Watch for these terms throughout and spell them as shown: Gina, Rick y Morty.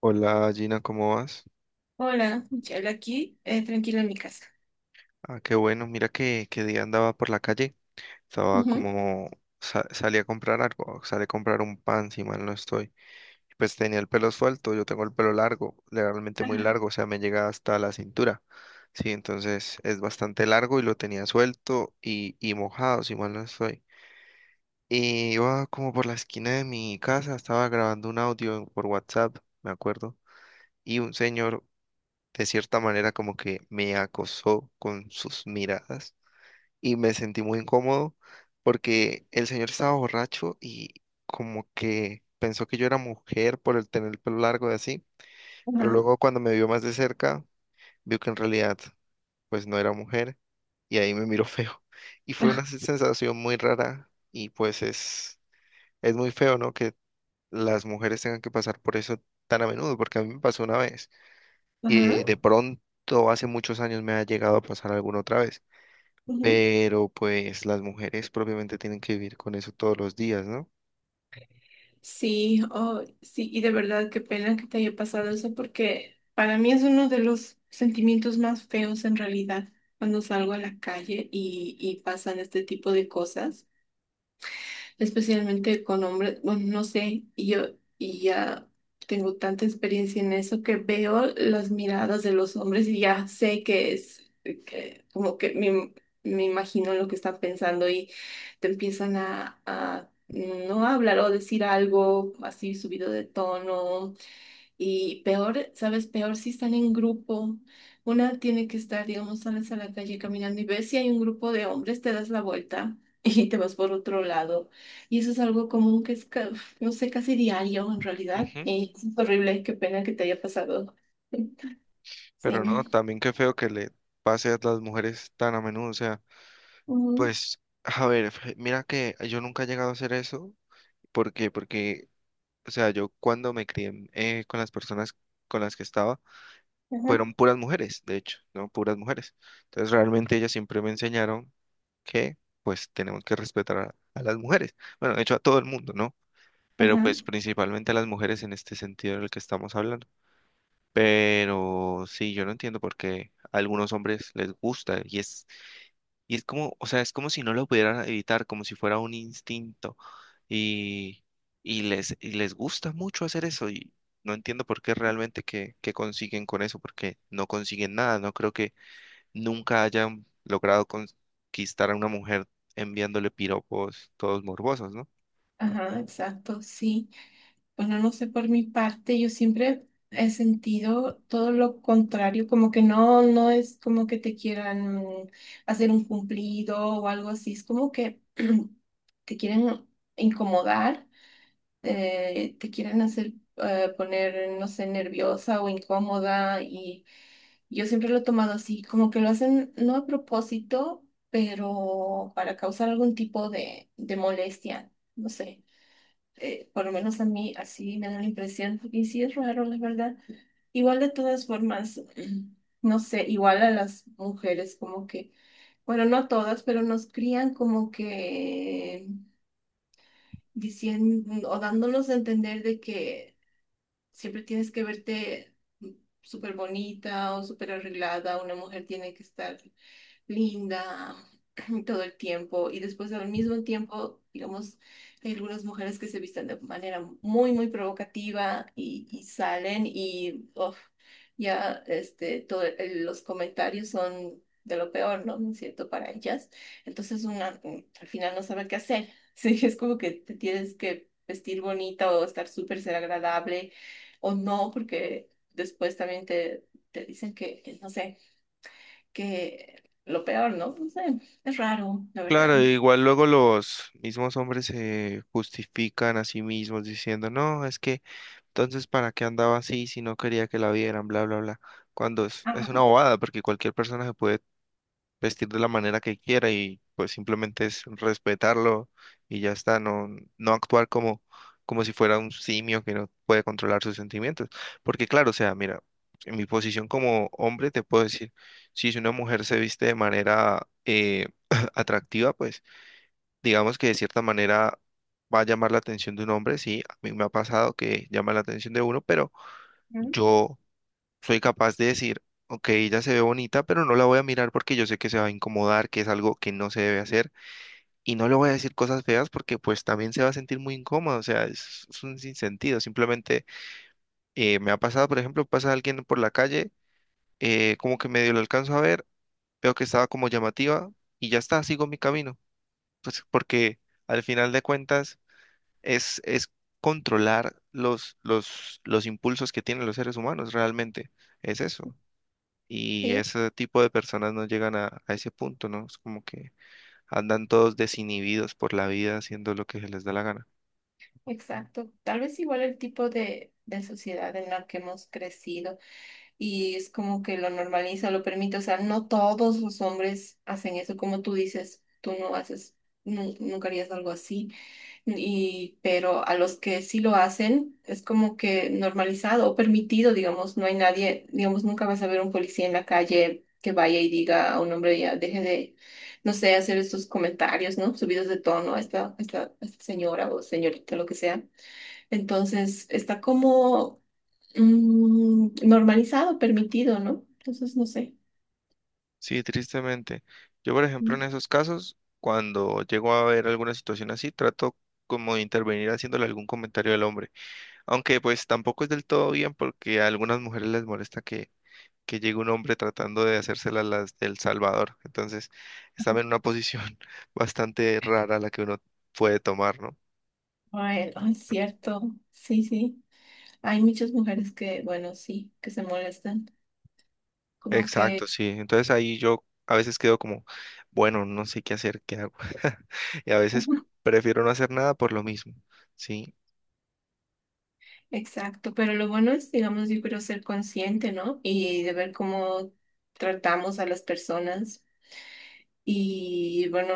Hola Gina, ¿cómo vas? Hola, Michelle, aquí, tranquila en mi casa. Ah, qué bueno, mira que día andaba por la calle, estaba Ujú. como, salí a comprar algo, salí a comprar un pan, si mal no estoy. Y pues tenía el pelo suelto, yo tengo el pelo largo, realmente muy Ajá, largo, o sea, me llega hasta la cintura. Sí, entonces es bastante largo y lo tenía suelto y mojado, si mal no estoy. Y iba como por la esquina de mi casa, estaba grabando un audio por WhatsApp, me acuerdo, y un señor de cierta manera como que me acosó con sus miradas y me sentí muy incómodo porque el señor estaba borracho y como que pensó que yo era mujer por el tener el pelo largo y así, pero ajá, luego cuando me vio más de cerca, vio que en realidad pues no era mujer y ahí me miró feo y fue una ajá, sensación muy rara y pues es muy feo, ¿no? Que las mujeres tengan que pasar por eso tan a menudo porque a mí me pasó una vez. Y ajá, de pronto hace muchos años me ha llegado a pasar alguna otra vez. ujú. Pero pues las mujeres propiamente tienen que vivir con eso todos los días, ¿no? Sí, oh, sí, y de verdad qué pena que te haya pasado eso porque para mí es uno de los sentimientos más feos en realidad cuando salgo a la calle y pasan este tipo de cosas. Especialmente con hombres, bueno, no sé, y yo y ya tengo tanta experiencia en eso que veo las miradas de los hombres y ya sé que es, que como que me imagino lo que están pensando y te empiezan a no hablar o decir algo así subido de tono y peor, ¿sabes? Peor si están en grupo. Una tiene que estar, digamos, sales a la calle caminando y ves si hay un grupo de hombres, te das la vuelta y te vas por otro lado. Y eso es algo común que es, no sé, casi diario en realidad. Ujú. Y es horrible, qué pena que te haya pasado. Sí. Pero no, también qué feo que le pase a las mujeres tan a menudo. O sea, Mm, pues, a ver, mira que yo nunca he llegado a hacer eso. ¿Por qué? Porque, o sea, yo cuando me crié con las personas con las que estaba, ajá, fueron puras mujeres, de hecho, ¿no? Puras mujeres. Entonces realmente ellas siempre me enseñaron que pues tenemos que respetar a las mujeres. Bueno, de hecho a todo el mundo, ¿no? Pero ajá, pues principalmente a las mujeres en este sentido del que estamos hablando. Pero sí, yo no entiendo por qué a algunos hombres les gusta y es como, o sea, es como si no lo pudieran evitar, como si fuera un instinto y, y les gusta mucho hacer eso y no entiendo por qué realmente que consiguen con eso, porque no consiguen nada, no creo que nunca hayan logrado conquistar a una mujer enviándole piropos todos morbosos, ¿no? ajá, exacto, sí. Bueno, no sé, por mi parte, yo siempre he sentido todo lo contrario, como que no, no es como que te quieran hacer un cumplido o algo así, es como que te quieren incomodar, te quieren hacer poner, no sé, nerviosa o incómoda y yo siempre lo he tomado así, como que lo hacen no a propósito, pero para causar algún tipo de molestia, no sé, por lo menos a mí así me da la impresión, y sí es raro, la verdad. Igual de todas formas, no sé, igual a las mujeres como que, bueno, no todas, pero nos crían como que diciendo o dándonos a entender de que siempre tienes que verte súper bonita o súper arreglada, una mujer tiene que estar linda todo el tiempo y después al mismo tiempo, digamos, hay algunas mujeres que se visten de manera muy, muy provocativa y salen y uf, ya este, los comentarios son de lo peor, ¿no? ¿No es cierto? Para ellas. Entonces una al final no sabe qué hacer. Sí, es como que te tienes que vestir bonita o estar súper ser agradable o no, porque después también te dicen que, no sé que lo peor, ¿no? No sé, es raro, la verdad. Claro, igual luego los mismos hombres se justifican a sí mismos diciendo, no, es que entonces para qué andaba así si no quería que la vieran, bla, bla, bla. Cuando es una bobada, porque cualquier persona se puede vestir de la manera que quiera y pues simplemente es respetarlo y ya está, no, no actuar como, como si fuera un simio que no puede controlar sus sentimientos. Porque claro, o sea, mira, en mi posición como hombre te puedo decir, si una mujer se viste de manera atractiva, pues digamos que de cierta manera va a llamar la atención de un hombre, sí, a mí me ha pasado que llama la atención de uno, pero Ujú. yo soy capaz de decir, ok, ella se ve bonita, pero no la voy a mirar porque yo sé que se va a incomodar, que es algo que no se debe hacer, y no le voy a decir cosas feas porque pues también se va a sentir muy incómodo, o sea, es un sinsentido, simplemente me ha pasado, por ejemplo, pasa alguien por la calle, como que medio lo alcanzo a ver, veo que estaba como llamativa y ya está, sigo mi camino, pues porque al final de cuentas es controlar los impulsos que tienen los seres humanos, realmente, es eso. Y Sí, ese tipo de personas no llegan a ese punto, ¿no? Es como que andan todos desinhibidos por la vida haciendo lo que se les da la gana. exacto. Tal vez igual el tipo de sociedad en la que hemos crecido y es como que lo normaliza, lo permite. O sea, no todos los hombres hacen eso, como tú dices, tú no haces, nunca harías algo así. Y, pero a los que sí lo hacen, es como que normalizado o permitido, digamos, no hay nadie, digamos, nunca vas a ver un policía en la calle que vaya y diga a un hombre, ya deje de, no sé, hacer estos comentarios, ¿no? Subidos de tono a esta señora o señorita, lo que sea. Entonces, está como normalizado, permitido, ¿no? Entonces, no sé. Sí, tristemente. Yo, por ejemplo, en Mm. esos casos, cuando llego a ver alguna situación así, trato como de intervenir haciéndole algún comentario al hombre. Aunque pues tampoco es del todo bien porque a algunas mujeres les molesta que llegue un hombre tratando de hacérsela las del Salvador. Entonces, están en una posición bastante rara la que uno puede tomar, ¿no? Ay, ay, cierto, sí, sí. Hay muchas mujeres que, bueno, sí, que se molestan. Como Exacto, que. sí. Entonces ahí yo a veces quedo como, bueno, no sé qué hacer, qué hago. Y a veces Ujú. prefiero no hacer nada por lo mismo, ¿sí? Exacto, pero lo bueno es, digamos, yo creo ser consciente, ¿no? Y de ver cómo tratamos a las personas. Y bueno,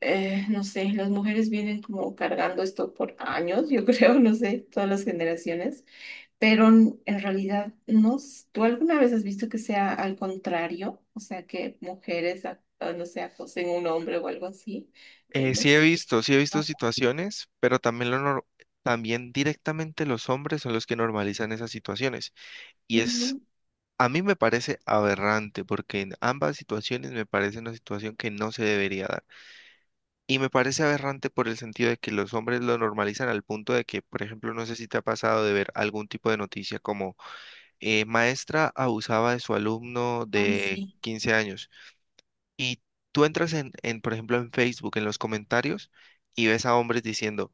no sé, las mujeres vienen como cargando esto por años, yo creo, no sé, todas las generaciones, pero en realidad, no, ¿tú alguna vez has visto que sea al contrario? O sea, que mujeres, no sé, acosen a un hombre o algo así. No, sé, Sí he visto no, situaciones, pero también lo nor- también directamente los hombres son los que normalizan esas situaciones. Y es, no, a mí me parece aberrante, porque en ambas situaciones me parece una situación que no se debería dar. Y me parece aberrante por el sentido de que los hombres lo normalizan al punto de que, por ejemplo, no sé si te ha pasado de ver algún tipo de noticia como maestra abusaba de su alumno ay, de sí. 15 años. Y tú entras por ejemplo, en Facebook, en los comentarios, y ves a hombres diciendo,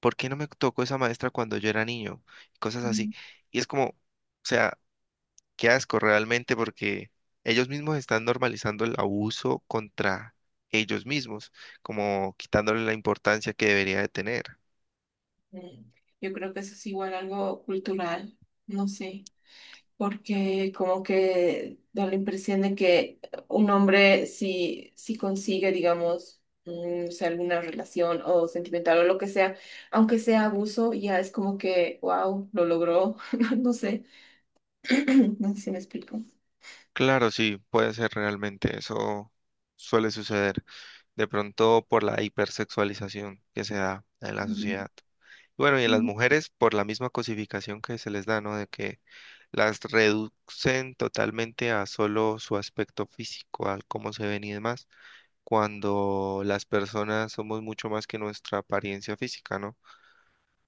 ¿por qué no me tocó esa maestra cuando yo era niño? Y cosas así. Y es como, o sea, qué asco realmente porque ellos mismos están normalizando el abuso contra ellos mismos, como quitándole la importancia que debería de tener. Mm, Yo creo que eso es igual algo cultural, no sé, porque como que da la impresión de que un hombre si, si consigue, digamos, o sea, alguna relación o sentimental o lo que sea, aunque sea abuso, ya es como que, wow, lo logró, no sé, no sé si me explico. Claro, sí, puede ser realmente, eso suele suceder de pronto por la hipersexualización que se da en la sociedad. Bueno, y en las Ujú. mujeres por la misma cosificación que se les da, ¿no? De que las reducen totalmente a solo su aspecto físico, al cómo se ven y demás, cuando las personas somos mucho más que nuestra apariencia física, ¿no?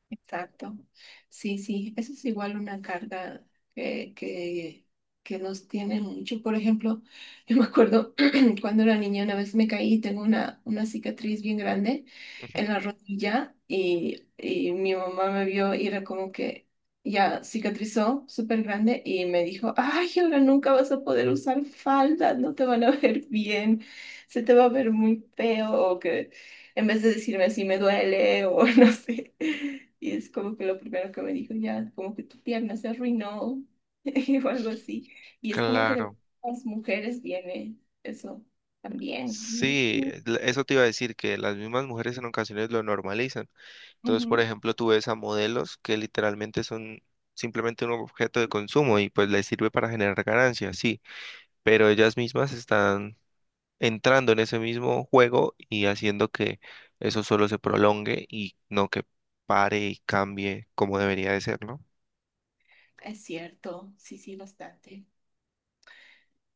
Exacto. Sí, sí, eso es igual una carga que, que, que nos tiene mucho. Por ejemplo, yo me acuerdo cuando era niña, una vez me caí y tengo una cicatriz bien grande Ujú. en la rodilla y mi mamá me vio y era como que ya cicatrizó súper grande y me dijo, ay, ahora nunca vas a poder usar falda, no te van a ver bien, se te va a ver muy feo o que en vez de decirme así me duele o no sé. Y es como que lo primero que me dijo, ya, como que tu pierna se arruinó o algo así. Y es como que de Claro, las mujeres viene eso también. sí, eso te iba a decir, que las mismas mujeres en ocasiones lo normalizan. Entonces, por Ujú. ejemplo, tú ves a modelos que literalmente son simplemente un objeto de consumo y pues les sirve para generar ganancias, sí, pero ellas mismas están entrando en ese mismo juego y haciendo que eso solo se prolongue y no que pare y cambie como debería de ser, ¿no? Es cierto, sí, sí, bastante.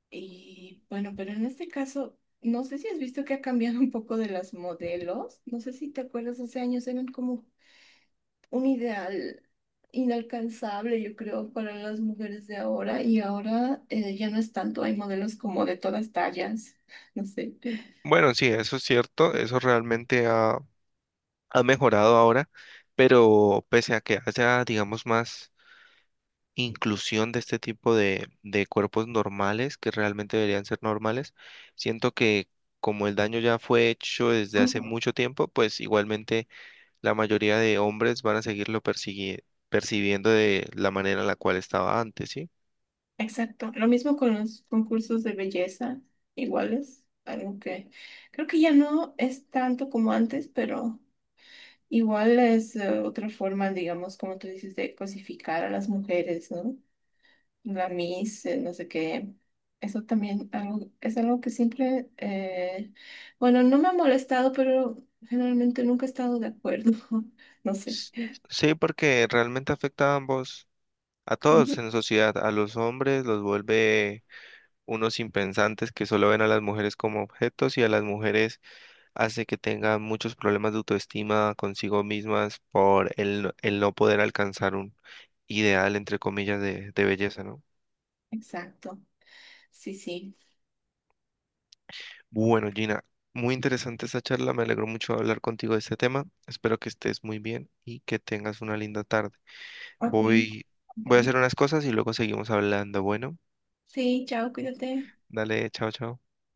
Y bueno, pero en este caso, no sé si has visto que ha cambiado un poco de las modelos. No sé si te acuerdas, hace años eran como un ideal inalcanzable, yo creo, para las mujeres de ahora. Y ahora ya no es tanto, hay modelos como de todas tallas, no sé. Bueno, sí, eso es cierto, eso realmente ha mejorado ahora, pero pese a que haya, digamos, más inclusión de este tipo de cuerpos normales que realmente deberían ser normales. Siento que como el daño ya fue hecho desde hace Ujú. mucho tiempo, pues igualmente la mayoría de hombres van a seguirlo percibiendo de la manera en la cual estaba antes, ¿sí? Exacto. Lo mismo con los concursos de belleza, iguales, aunque creo que ya no es tanto como antes, pero. Igual es otra forma, digamos, como tú dices, de cosificar a las mujeres, ¿no? La Miss, no sé qué. Eso también algo, es algo que siempre, bueno, no me ha molestado, pero generalmente nunca he estado de acuerdo. No sé. S- Sí, porque realmente afecta a ambos, a todos Ujú, en la sociedad, a los hombres los vuelve unos impensantes que solo ven a las mujeres como objetos y a las mujeres hace que tenga muchos problemas de autoestima consigo mismas por el, el no poder alcanzar un ideal, entre comillas, de belleza, ¿no? exacto. Sí, sí. Bueno, Gina, muy interesante esta charla, me alegró mucho hablar contigo de este tema, espero que estés muy bien y que tengas una linda tarde. Ok. Voy, voy a Bueno. hacer unas cosas y luego seguimos hablando. Bueno, Sí, chao, cuídate. dale, chao, chao.